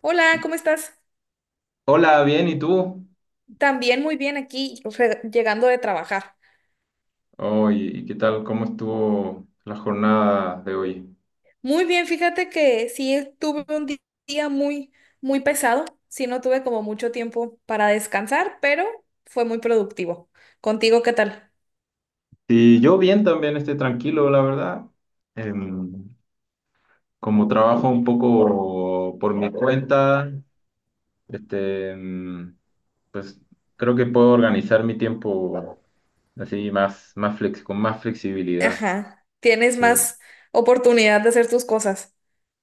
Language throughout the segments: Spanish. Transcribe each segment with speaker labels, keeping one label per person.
Speaker 1: Hola, ¿cómo estás?
Speaker 2: Hola, bien, ¿y tú?
Speaker 1: También muy bien aquí, llegando de trabajar.
Speaker 2: Oye, ¿y qué tal? ¿Cómo estuvo la jornada de hoy?
Speaker 1: Muy bien, fíjate que sí tuve un día muy pesado. Sí, no tuve como mucho tiempo para descansar, pero fue muy productivo. ¿Contigo qué tal?
Speaker 2: Sí, yo bien también, estoy tranquilo, la verdad. Em, Como trabajo un poco por mi cuenta, este, pues creo que puedo organizar mi tiempo así más, más flex, con más flexibilidad.
Speaker 1: Ajá, tienes
Speaker 2: Sí,
Speaker 1: más oportunidad de hacer tus cosas.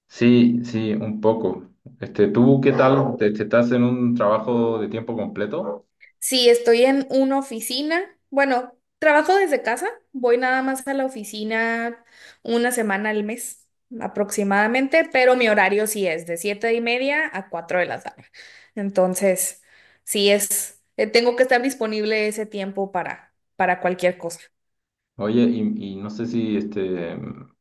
Speaker 2: sí, sí, un poco. Este, ¿tú qué tal? ¿Te estás en un trabajo de tiempo completo?
Speaker 1: Sí, estoy en una oficina. Bueno, trabajo desde casa. Voy nada más a la oficina una semana al mes aproximadamente, pero mi horario sí es de 7:30 a 4 de la tarde. Entonces, sí es, tengo que estar disponible ese tiempo para cualquier cosa.
Speaker 2: Oye, y no sé si este,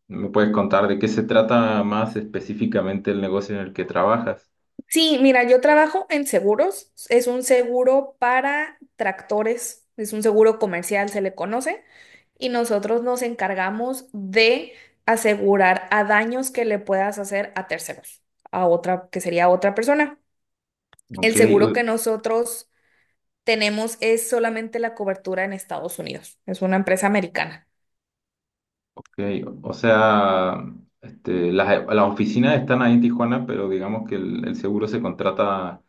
Speaker 2: me puedes contar de qué se trata más específicamente el negocio en el que trabajas.
Speaker 1: Sí, mira, yo trabajo en seguros. Es un seguro para tractores. Es un seguro comercial, se le conoce. Y nosotros nos encargamos de asegurar a daños que le puedas hacer a terceros, a otra, que sería otra persona.
Speaker 2: Ok,
Speaker 1: El seguro
Speaker 2: u-
Speaker 1: que nosotros tenemos es solamente la cobertura en Estados Unidos. Es una empresa americana.
Speaker 2: ok. O sea, este, las oficinas están ahí en Tijuana, pero digamos que el seguro se contrata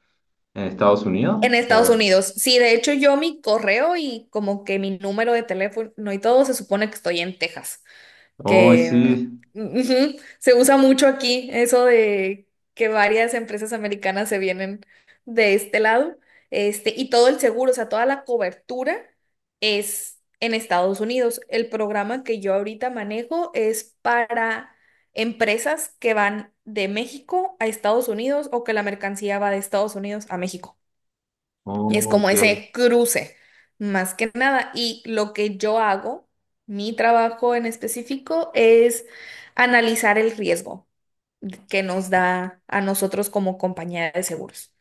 Speaker 2: en Estados Unidos.
Speaker 1: En Estados Unidos. Sí, de hecho yo mi correo y como que mi número de teléfono y todo se supone que estoy en Texas.
Speaker 2: Oh,
Speaker 1: Que
Speaker 2: sí.
Speaker 1: ujú, se usa mucho aquí, eso de que varias empresas americanas se vienen de este lado, y todo el seguro, o sea, toda la cobertura es en Estados Unidos. El programa que yo ahorita manejo es para empresas que van de México a Estados Unidos o que la mercancía va de Estados Unidos a México. Es
Speaker 2: Oh,
Speaker 1: como
Speaker 2: ok.
Speaker 1: ese cruce, más que nada. Y lo que yo hago, mi trabajo en específico, es analizar el riesgo que nos da a nosotros como compañía de seguros.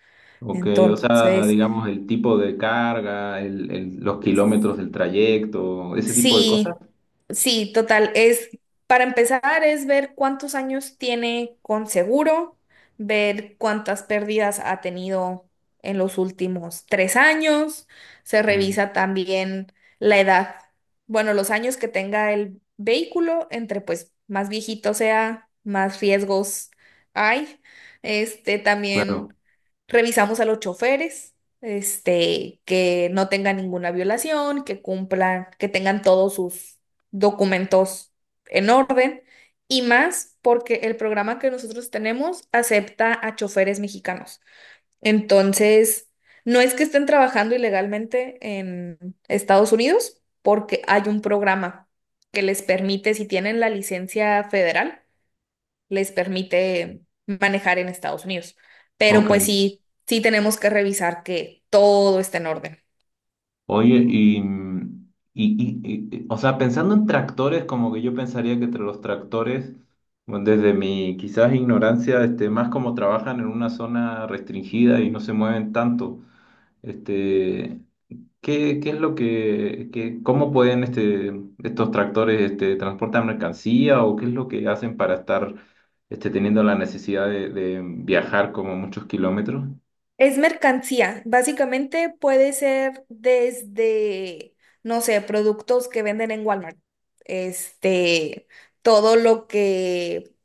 Speaker 2: Ok, o sea,
Speaker 1: Entonces,
Speaker 2: digamos el tipo de carga, los kilómetros del trayecto, ese tipo de cosas.
Speaker 1: sí, sí, total. Es, para empezar, es ver cuántos años tiene con seguro, ver cuántas pérdidas ha tenido en los últimos 3 años. Se
Speaker 2: Mm,
Speaker 1: revisa también la edad, bueno, los años que tenga el vehículo, entre pues más viejito sea, más riesgos hay. Este también
Speaker 2: claro.
Speaker 1: revisamos a los choferes que no tengan ninguna violación, que cumplan, que tengan todos sus documentos en orden y más porque el programa que nosotros tenemos acepta a choferes mexicanos. Entonces, no es que estén trabajando ilegalmente en Estados Unidos, porque hay un programa que les permite, si tienen la licencia federal, les permite manejar en Estados Unidos. Pero
Speaker 2: Ok.
Speaker 1: pues sí, sí tenemos que revisar que todo esté en orden.
Speaker 2: Oye, y, o sea, pensando en tractores, como que yo pensaría que entre los tractores, bueno, desde mi quizás ignorancia, este, más como trabajan en una zona restringida y no se mueven tanto, este, ¿qué es lo que, cómo pueden este, estos tractores este, transportar mercancía o qué es lo que hacen para estar este, teniendo la necesidad de viajar como muchos kilómetros?
Speaker 1: Es mercancía, básicamente puede ser desde, no sé, productos que venden en Walmart, este, todo lo que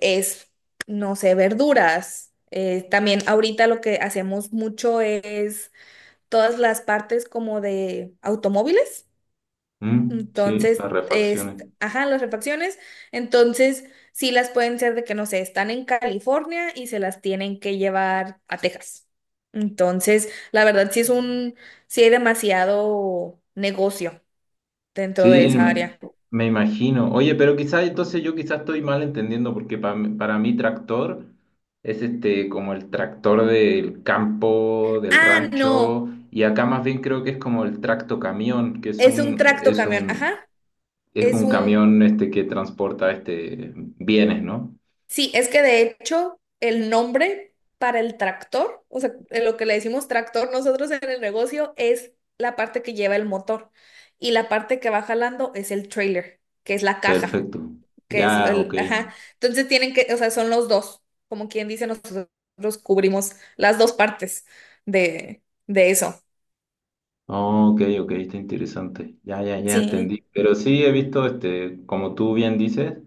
Speaker 1: es, no sé, verduras. También ahorita lo que hacemos mucho es todas las partes como de automóviles.
Speaker 2: Mm, sí,
Speaker 1: Entonces,
Speaker 2: las
Speaker 1: es,
Speaker 2: refacciones.
Speaker 1: ajá, las refacciones. Entonces, sí las pueden ser de que, no sé, están en California y se las tienen que llevar a Texas. Entonces, la verdad, sí hay demasiado negocio dentro de
Speaker 2: Sí,
Speaker 1: esa
Speaker 2: me,
Speaker 1: área.
Speaker 2: me imagino. Oye, pero quizás entonces yo quizás estoy mal entendiendo porque para mí tractor es este como el tractor del campo, del
Speaker 1: Ah,
Speaker 2: rancho,
Speaker 1: no,
Speaker 2: y acá más bien creo que es como el tractocamión, que es
Speaker 1: es un
Speaker 2: un
Speaker 1: tracto
Speaker 2: es
Speaker 1: camión, ajá,
Speaker 2: un es
Speaker 1: es
Speaker 2: un
Speaker 1: un...
Speaker 2: camión este que transporta este bienes, ¿no?
Speaker 1: Sí, es que de hecho el nombre para el tractor, o sea, en lo que le decimos tractor nosotros en el negocio es la parte que lleva el motor y la parte que va jalando es el trailer, que es la caja,
Speaker 2: Perfecto.
Speaker 1: que es
Speaker 2: Ya, ok.
Speaker 1: el, ajá. Entonces tienen que, o sea, son los dos, como quien dice, nosotros cubrimos las dos partes de eso.
Speaker 2: Oh, ok, ok, está interesante. Ya, ya, ya
Speaker 1: Sí.
Speaker 2: entendí. Pero sí he visto este, como tú bien dices,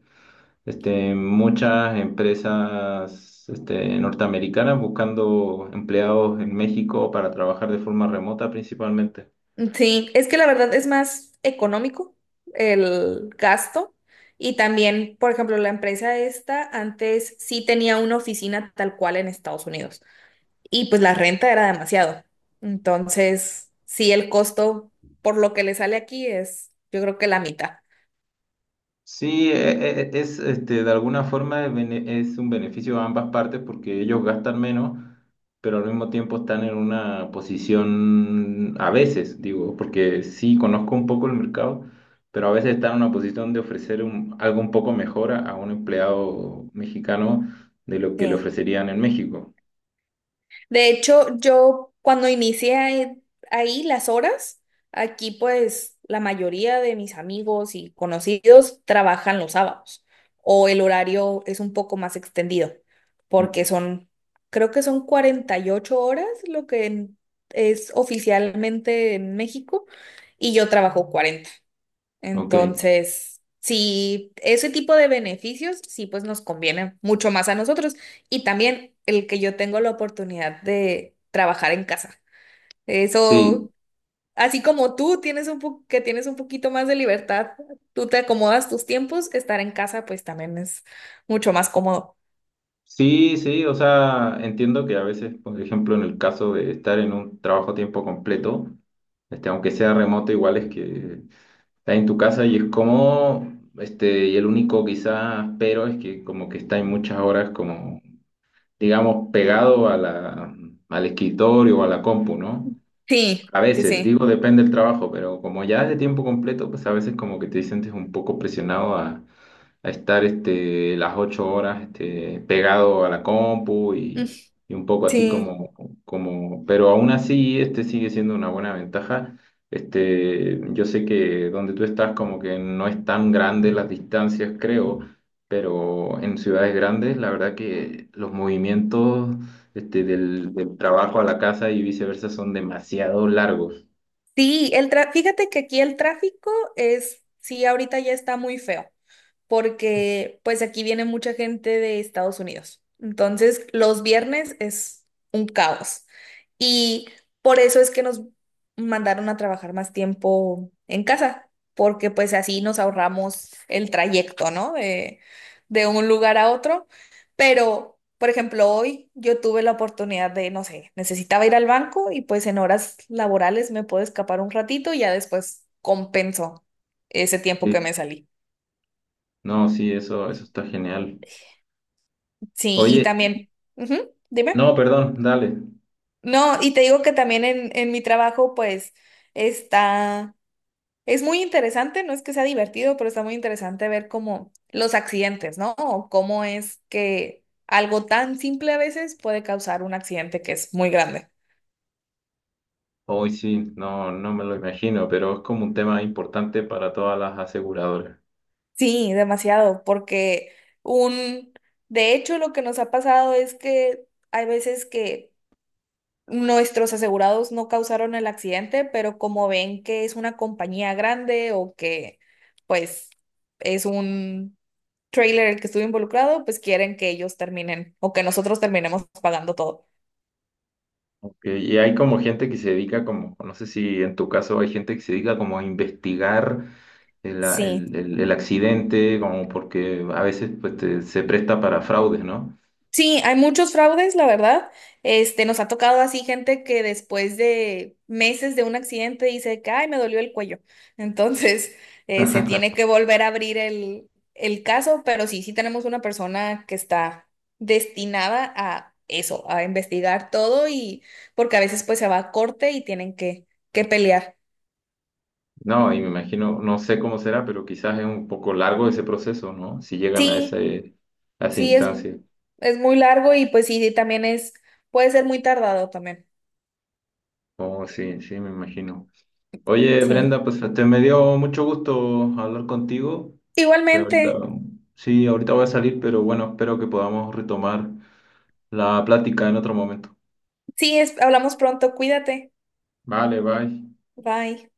Speaker 2: este, muchas empresas este, norteamericanas buscando empleados en México para trabajar de forma remota principalmente.
Speaker 1: Sí, es que la verdad es más económico el gasto y también, por ejemplo, la empresa esta antes sí tenía una oficina tal cual en Estados Unidos y pues la renta era demasiado. Entonces, sí, el costo por lo que le sale aquí es, yo creo que la mitad.
Speaker 2: Sí, es este, de alguna forma es es un beneficio a ambas partes porque ellos gastan menos, pero al mismo tiempo están en una posición, a veces, digo, porque sí conozco un poco el mercado, pero a veces están en una posición de ofrecer algo un poco mejor a un empleado mexicano de lo que le
Speaker 1: Sí.
Speaker 2: ofrecerían en México.
Speaker 1: De hecho, yo cuando inicié ahí las horas, aquí pues la mayoría de mis amigos y conocidos trabajan los sábados o el horario es un poco más extendido porque
Speaker 2: Mm,
Speaker 1: son, creo que son 48 horas lo que es oficialmente en México y yo trabajo 40.
Speaker 2: ok,
Speaker 1: Entonces, sí, ese tipo de beneficios, sí, pues nos conviene mucho más a nosotros. Y también el que yo tengo la oportunidad de trabajar en casa.
Speaker 2: sí,
Speaker 1: Eso, así como tú tienes un po- que tienes un poquito más de libertad, tú te acomodas tus tiempos, estar en casa, pues también es mucho más cómodo.
Speaker 2: sí, sí, o sea, entiendo que a veces, por ejemplo, en el caso de estar en un trabajo a tiempo completo, este, aunque sea remoto, igual es que estás en tu casa y es como, este, y el único quizás pero es que como que estás en muchas horas como, digamos, pegado a la, al escritorio o a la compu, ¿no?
Speaker 1: Sí,
Speaker 2: A
Speaker 1: sí,
Speaker 2: veces,
Speaker 1: sí.
Speaker 2: digo, depende del trabajo, pero como ya es de tiempo completo, pues a veces como que te sientes un poco presionado a estar este, las 8 horas este, pegado a la compu
Speaker 1: Mm.
Speaker 2: y un poco así
Speaker 1: Sí,
Speaker 2: como, pero aún así este sigue siendo una buena ventaja. Este, yo sé que donde tú estás como que no es tan grande las distancias, creo, pero en ciudades grandes la verdad que los movimientos este, del trabajo a la casa y viceversa son demasiado largos.
Speaker 1: sí, el fíjate que aquí el tráfico es, sí, ahorita ya está muy feo, porque pues aquí viene mucha gente de Estados Unidos. Entonces, los viernes es un caos. Y por eso es que nos mandaron a trabajar más tiempo en casa, porque pues así nos ahorramos el trayecto, ¿no? De un lugar a otro. Pero, por ejemplo, hoy yo tuve la oportunidad de, no sé, necesitaba ir al banco y pues en horas laborales me puedo escapar un ratito y ya después compenso ese tiempo que
Speaker 2: Sí.
Speaker 1: me salí.
Speaker 2: No, sí, eso está genial.
Speaker 1: Sí, y
Speaker 2: Oye,
Speaker 1: también, ujú, dime.
Speaker 2: no, perdón, dale.
Speaker 1: No, y te digo que también en mi trabajo, pues, está, es muy interesante, no es que sea divertido, pero está muy interesante ver cómo los accidentes, ¿no? O cómo es que algo tan simple a veces puede causar un accidente que es muy grande.
Speaker 2: Hoy sí, no, no me lo imagino, pero es como un tema importante para todas las aseguradoras.
Speaker 1: Sí, demasiado, porque un, de hecho, lo que nos ha pasado es que hay veces que nuestros asegurados no causaron el accidente, pero como ven que es una compañía grande o que pues es un trailer el que estuvo involucrado, pues quieren que ellos terminen o que nosotros terminemos pagando todo.
Speaker 2: Ok, y hay como gente que se dedica como, no sé si en tu caso hay gente que se dedica como a investigar
Speaker 1: Sí.
Speaker 2: el accidente, como porque a veces pues, se presta para fraudes, ¿no?
Speaker 1: Sí, hay muchos fraudes, la verdad. Este, nos ha tocado así gente que después de meses de un accidente dice que, ay, me dolió el cuello. Entonces, se tiene que volver a abrir el caso, pero sí, sí tenemos una persona que está destinada a eso, a investigar todo y porque a veces pues se va a corte y tienen que pelear.
Speaker 2: No, y me imagino, no sé cómo será, pero quizás es un poco largo ese proceso, ¿no? Si llegan a
Speaker 1: Sí,
Speaker 2: ese, a esa
Speaker 1: sí,
Speaker 2: instancia.
Speaker 1: es muy largo y pues sí, también es, puede ser muy tardado también.
Speaker 2: Oh, sí, sí, me imagino. Oye,
Speaker 1: Sí.
Speaker 2: Brenda, pues te me dio mucho gusto hablar contigo. Este,
Speaker 1: Igualmente.
Speaker 2: ahorita, sí, ahorita voy a salir, pero bueno, espero que podamos retomar la plática en otro momento.
Speaker 1: Sí, hablamos pronto. Cuídate.
Speaker 2: Vale, bye.
Speaker 1: Bye.